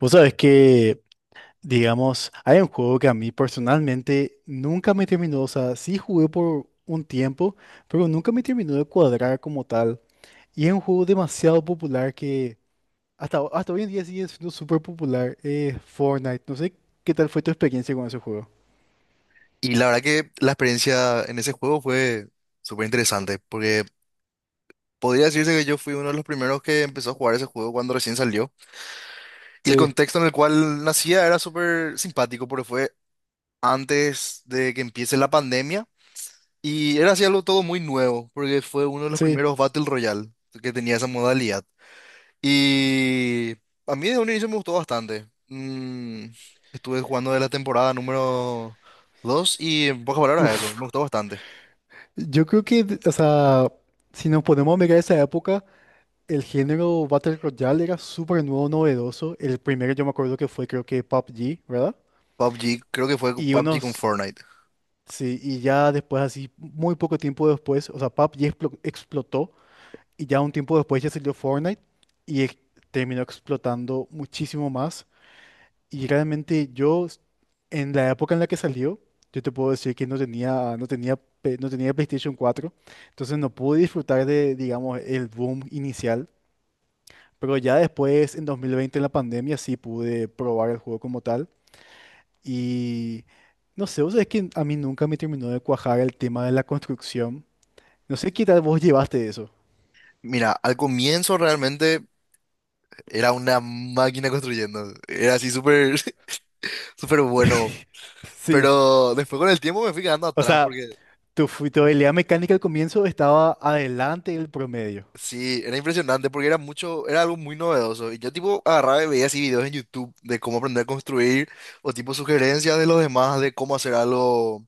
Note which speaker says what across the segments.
Speaker 1: Vos sabés que, digamos, hay un juego que a mí personalmente nunca me terminó, o sea, sí jugué por un tiempo, pero nunca me terminó de cuadrar como tal. Y es un juego demasiado popular que hasta, hasta hoy en día sigue siendo súper popular, Fortnite. No sé qué tal fue tu experiencia con ese juego.
Speaker 2: Y la verdad que la experiencia en ese juego fue súper interesante, porque podría decirse que yo fui uno de los primeros que empezó a jugar ese juego cuando recién salió. Y el
Speaker 1: Sí,
Speaker 2: contexto en el cual nacía era súper simpático, porque fue antes de que empiece la pandemia. Y era así algo todo muy nuevo, porque fue uno de los
Speaker 1: sí.
Speaker 2: primeros Battle Royale que tenía esa modalidad. Y a mí de un inicio me gustó bastante. Mm, estuve jugando de la temporada número 2 y en pocas palabras eso,
Speaker 1: Uf.
Speaker 2: me gustó bastante.
Speaker 1: Yo creo que, o sea, si nos ponemos a mirar esa época, el género Battle Royale era súper nuevo, novedoso. El primero yo me acuerdo que fue creo que PUBG, ¿verdad?
Speaker 2: PUBG, creo que fue
Speaker 1: Y
Speaker 2: PUBG con
Speaker 1: unos,
Speaker 2: Fortnite.
Speaker 1: sí, y ya después, así, muy poco tiempo después, o sea, explotó y ya un tiempo después ya salió Fortnite y terminó explotando muchísimo más. Y realmente yo, en la época en la que salió, yo te puedo decir que no tenía PlayStation 4 entonces no pude disfrutar de, digamos, el boom inicial. Pero ya después, en 2020, en la pandemia, sí pude probar el juego como tal. Y no sé, vos sabés que a mí nunca me terminó de cuajar el tema de la construcción. No sé qué tal vos llevaste eso.
Speaker 2: Mira, al comienzo realmente era una máquina construyendo. Era así súper, súper bueno.
Speaker 1: Sí,
Speaker 2: Pero después con el tiempo me fui quedando
Speaker 1: o
Speaker 2: atrás
Speaker 1: sea,
Speaker 2: porque
Speaker 1: tu habilidad mecánica al comienzo estaba adelante del promedio.
Speaker 2: sí, era impresionante porque era mucho, era algo muy novedoso. Y yo tipo agarraba y veía así videos en YouTube de cómo aprender a construir o tipo sugerencias de los demás de cómo hacer algo.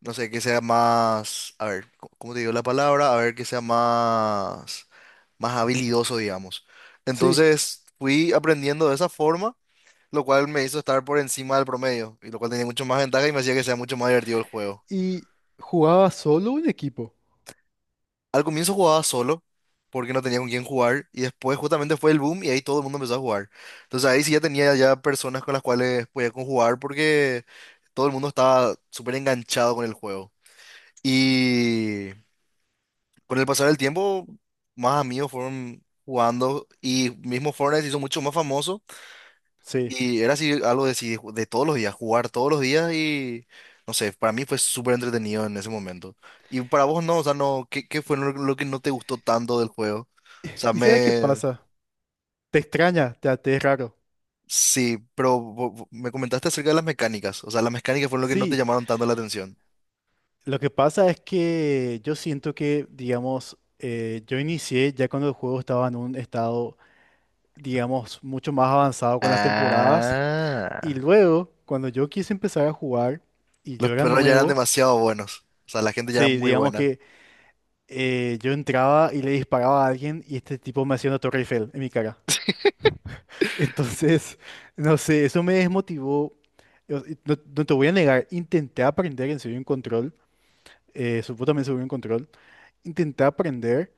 Speaker 2: No sé, que sea más, a ver, ¿cómo te digo la palabra? A ver, que sea más, más habilidoso, digamos.
Speaker 1: Sí,
Speaker 2: Entonces fui aprendiendo de esa forma, lo cual me hizo estar por encima del promedio, y lo cual tenía mucho más ventaja y me hacía que sea mucho más divertido el juego.
Speaker 1: y jugaba solo un equipo.
Speaker 2: Al comienzo jugaba solo, porque no tenía con quién jugar, y después justamente fue el boom y ahí todo el mundo empezó a jugar. Entonces ahí sí ya tenía ya personas con las cuales podía conjugar porque todo el mundo estaba súper enganchado con el juego. Y... Con el pasar del tiempo, más amigos fueron jugando y mismo Fortnite se hizo mucho más famoso
Speaker 1: Sí.
Speaker 2: y era así algo de, así de todos los días, jugar todos los días y no sé, para mí fue súper entretenido en ese momento. ¿Y para vos no, o sea, no, qué fue lo que no te gustó tanto del juego? O sea,
Speaker 1: ¿Y sabes qué
Speaker 2: me...
Speaker 1: pasa? Te extraña, te es raro.
Speaker 2: Sí, pero me comentaste acerca de las mecánicas, o sea, las mecánicas fueron lo que no te
Speaker 1: Sí,
Speaker 2: llamaron tanto la atención.
Speaker 1: lo que pasa es que yo siento que, digamos, yo inicié ya cuando el juego estaba en un estado digamos, mucho más avanzado con las temporadas. Y
Speaker 2: Ah.
Speaker 1: luego, cuando yo quise empezar a jugar y
Speaker 2: Los
Speaker 1: yo era
Speaker 2: perros ya eran
Speaker 1: nuevo,
Speaker 2: demasiado buenos, o sea, la gente ya era
Speaker 1: sí,
Speaker 2: muy
Speaker 1: digamos
Speaker 2: buena.
Speaker 1: que yo entraba y le disparaba a alguien y este tipo me hacía una Torre Eiffel en mi cara. Entonces, no sé, eso me desmotivó. No, no te voy a negar, intenté aprender en serio en control, supo también seguro en control, intenté aprender,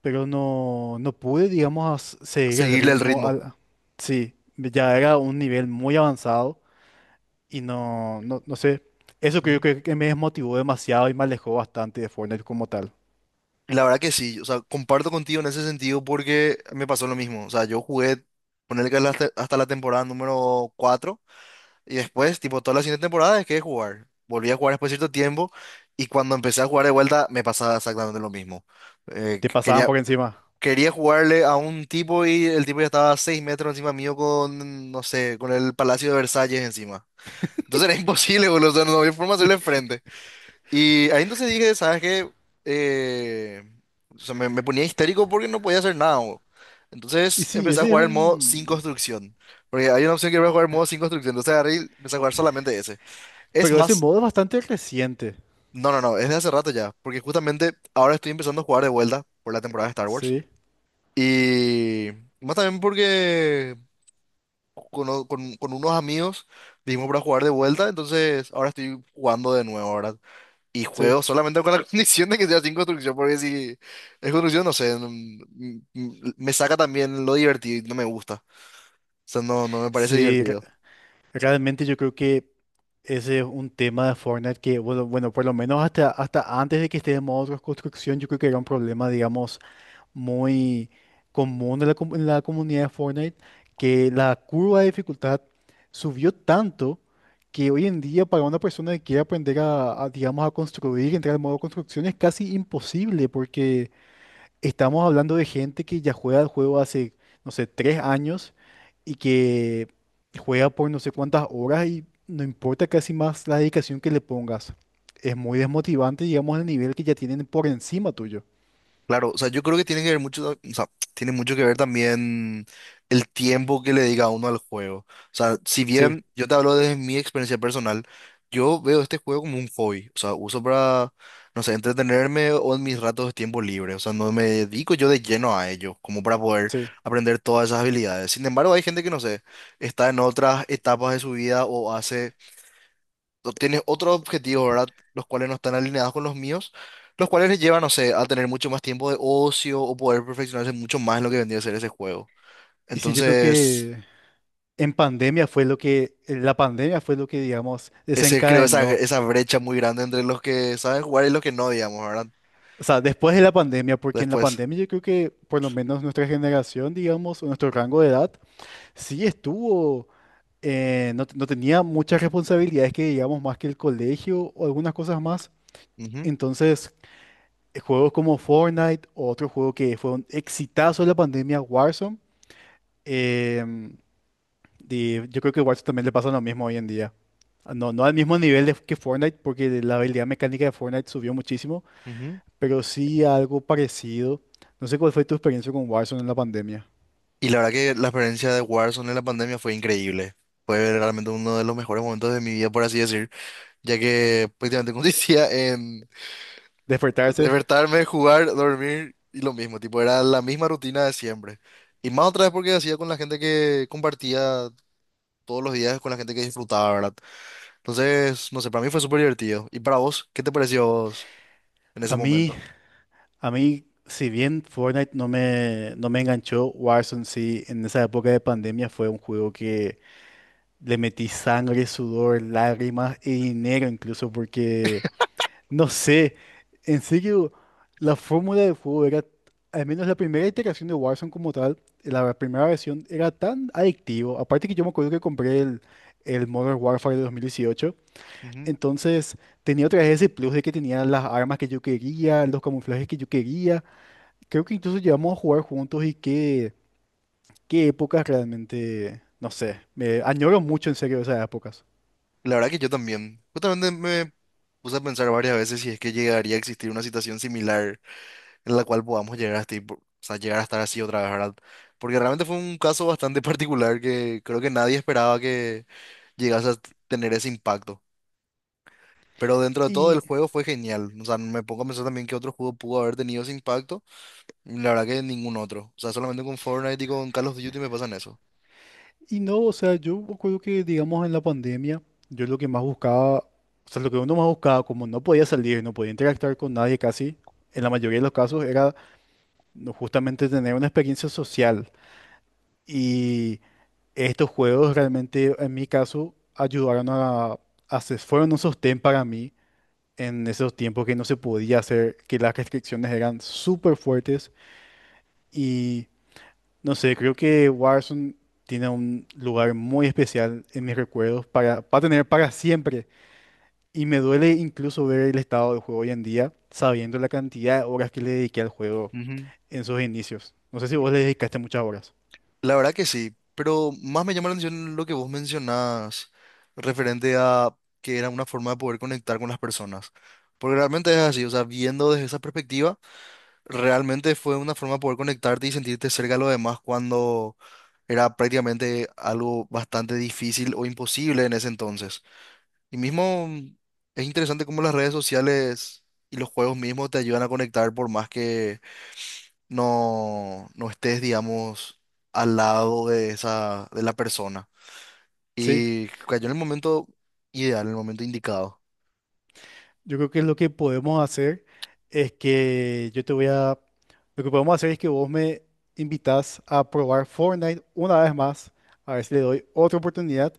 Speaker 1: pero no, no pude, digamos, seguir el
Speaker 2: Seguirle el
Speaker 1: ritmo.
Speaker 2: ritmo.
Speaker 1: Sí, ya era un nivel muy avanzado. Y no, no, no sé. Eso creo que me desmotivó demasiado y me alejó bastante de Fortnite como tal.
Speaker 2: Y la verdad que sí, o sea, comparto contigo en ese sentido porque me pasó lo mismo. O sea, yo jugué, ponerle que hasta, hasta la temporada número 4 y después, tipo, toda la siguiente temporada dejé de jugar. Volví a jugar después de cierto tiempo y cuando empecé a jugar de vuelta me pasaba exactamente lo mismo.
Speaker 1: Te pasaban
Speaker 2: Quería,
Speaker 1: por encima.
Speaker 2: quería jugarle a un tipo y el tipo ya estaba a 6 metros encima mío con, no sé, con el Palacio de Versalles encima. Entonces era imposible, boludo, o sea, no había forma de
Speaker 1: Sí.
Speaker 2: hacerle frente. Y ahí entonces dije, ¿sabes qué? Eh, o sea, me ponía histérico porque no podía hacer nada, bo.
Speaker 1: Y
Speaker 2: Entonces
Speaker 1: sí,
Speaker 2: empecé a
Speaker 1: ese es
Speaker 2: jugar el modo sin
Speaker 1: un...
Speaker 2: construcción. Porque hay una opción que voy a jugar el modo sin construcción. Entonces agarré y empecé a jugar solamente ese. Es
Speaker 1: Pero ese
Speaker 2: más,
Speaker 1: modo es bastante reciente.
Speaker 2: no, es de hace rato ya. Porque justamente ahora estoy empezando a jugar de vuelta por la temporada de Star Wars.
Speaker 1: Sí,
Speaker 2: Y más también porque con unos amigos dijimos para jugar de vuelta. Entonces ahora estoy jugando de nuevo, ahora. Y
Speaker 1: sí.
Speaker 2: juego solamente con la condición de que sea sin construcción, porque si es construcción, no sé, me saca también lo divertido y no me gusta. O sea, no, no me parece
Speaker 1: Sí,
Speaker 2: divertido.
Speaker 1: realmente yo creo que ese es un tema de Fortnite que, bueno, bueno, por lo menos hasta, hasta antes de que esté de modo de construcción, yo creo que era un problema, digamos muy común en la, en la comunidad de Fortnite, que la curva de dificultad subió tanto que hoy en día para una persona que quiere aprender a, digamos, a construir, entrar al modo construcción es casi imposible porque estamos hablando de gente que ya juega el juego hace, no sé, 3 años y que juega por no sé cuántas horas y no importa casi más la dedicación que le pongas. Es muy desmotivante, digamos, el nivel que ya tienen por encima tuyo.
Speaker 2: Claro, o sea, yo creo que tiene que ver mucho, o sea, tiene mucho que ver también el tiempo que le dedica uno al juego. O sea, si
Speaker 1: Sí,
Speaker 2: bien yo te hablo desde mi experiencia personal, yo veo este juego como un hobby. O sea, uso para, no sé, entretenerme o en mis ratos de tiempo libre. O sea, no me dedico yo de lleno a ello, como para poder
Speaker 1: sí.
Speaker 2: aprender todas esas habilidades. Sin embargo, hay gente que, no sé, está en otras etapas de su vida o hace tienes otros objetivos, ¿verdad? Los cuales no están alineados con los míos, los cuales les llevan, no sé, a tener mucho más tiempo de ocio o poder perfeccionarse mucho más en lo que vendría a ser ese juego.
Speaker 1: Y sí, yo creo
Speaker 2: Entonces,
Speaker 1: que en pandemia fue lo que, la pandemia fue lo que, digamos,
Speaker 2: ese creo esa,
Speaker 1: desencadenó.
Speaker 2: esa brecha muy grande entre los que saben jugar y los que no, digamos, ¿verdad?
Speaker 1: O sea, después de la pandemia, porque en la
Speaker 2: Después.
Speaker 1: pandemia yo creo que por lo menos nuestra generación, digamos, o nuestro rango de edad, sí estuvo, no, no tenía muchas responsabilidades que, digamos, más que el colegio o algunas cosas más.
Speaker 2: Ujú,
Speaker 1: Entonces, juegos como Fortnite o otro juego que fue un exitazo de la pandemia, Warzone, em, y yo creo que Warzone también le pasa lo mismo hoy en día. No, no al mismo que Fortnite, porque la habilidad mecánica de Fortnite subió muchísimo,
Speaker 2: ujú.
Speaker 1: pero sí algo parecido. No sé cuál fue tu experiencia con Warzone en la pandemia.
Speaker 2: Y la verdad que la experiencia de Warzone en la pandemia fue increíble. Fue realmente uno de los mejores momentos de mi vida, por así decir, ya que prácticamente consistía en
Speaker 1: Despertarse.
Speaker 2: despertarme, jugar, dormir y lo mismo, tipo, era la misma rutina de siempre. Y más otra vez porque hacía con la gente que compartía todos los días, con la gente que disfrutaba, ¿verdad? Entonces, no sé, para mí fue súper divertido. ¿Y para vos, qué te pareció a vos en
Speaker 1: A
Speaker 2: ese
Speaker 1: mí,
Speaker 2: momento?
Speaker 1: a mí, si bien Fortnite no me enganchó, Warzone sí, en esa época de pandemia fue un juego que le metí sangre, sudor, lágrimas y dinero incluso, porque no sé, en serio, la fórmula del juego era, al menos la primera iteración de Warzone como tal, la primera versión era tan adictivo. Aparte que yo me acuerdo que el Modern Warfare de 2018,
Speaker 2: Ujú.
Speaker 1: entonces tenía otra vez ese plus de que tenía las armas que yo quería, los camuflajes que yo quería. Creo que incluso llegamos a jugar juntos y qué épocas realmente, no sé, me añoro mucho en serio esas épocas.
Speaker 2: La verdad que yo también. Justamente me puse a pensar varias veces si es que llegaría a existir una situación similar en la cual podamos llegar a o sea, llegar a estar así otra vez, ¿verdad? Porque realmente fue un caso bastante particular que creo que nadie esperaba que llegase a tener ese impacto. Pero dentro de todo el
Speaker 1: Y
Speaker 2: juego fue genial. O sea, me pongo a pensar también que otro juego pudo haber tenido ese impacto. Y la verdad que ningún otro. O sea, solamente con Fortnite y con Call of Duty me pasan eso.
Speaker 1: Y no, o sea, yo me acuerdo que, digamos, en la pandemia, yo lo que más buscaba, o sea, lo que uno más buscaba, como no podía salir, no podía interactuar con nadie casi, en la mayoría de los casos era no, justamente tener una experiencia social. Y estos juegos realmente, en mi caso, ayudaron a se- fueron un sostén para mí en esos tiempos que no se podía hacer, que las restricciones eran súper fuertes y no sé, creo que Warzone tiene un lugar muy especial en mis recuerdos para tener para siempre. Y me duele incluso ver el estado del juego hoy en día, sabiendo la cantidad de horas que le dediqué al juego
Speaker 2: Ujú.
Speaker 1: en sus inicios. No sé si vos le dedicaste muchas horas.
Speaker 2: La verdad que sí, pero más me llama la atención lo que vos mencionás referente a que era una forma de poder conectar con las personas. Porque realmente es así, o sea, viendo desde esa perspectiva. Realmente fue una forma de poder conectarte y sentirte cerca de los demás cuando era prácticamente algo bastante difícil o imposible en ese entonces. Y mismo es interesante cómo las redes sociales y los juegos mismos te ayudan a conectar por más que no, no estés, digamos, al lado de esa, de la persona.
Speaker 1: Sí,
Speaker 2: Y cayó en el momento ideal, en el momento indicado.
Speaker 1: yo creo que lo que podemos hacer es que yo te voy a... Lo que podemos hacer es que vos me invitas a probar Fortnite una vez más, a ver si le doy otra oportunidad.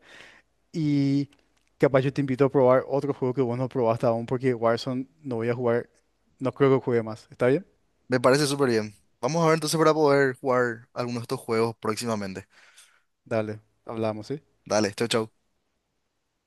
Speaker 1: Y capaz yo te invito a probar otro juego que vos no probaste aún, porque Warzone no voy a jugar, no creo que juegue más. ¿Está bien?
Speaker 2: Me parece súper bien. Vamos a ver entonces para poder jugar algunos de estos juegos próximamente.
Speaker 1: Dale, hablamos, ¿sí?
Speaker 2: Dale, chau, chau.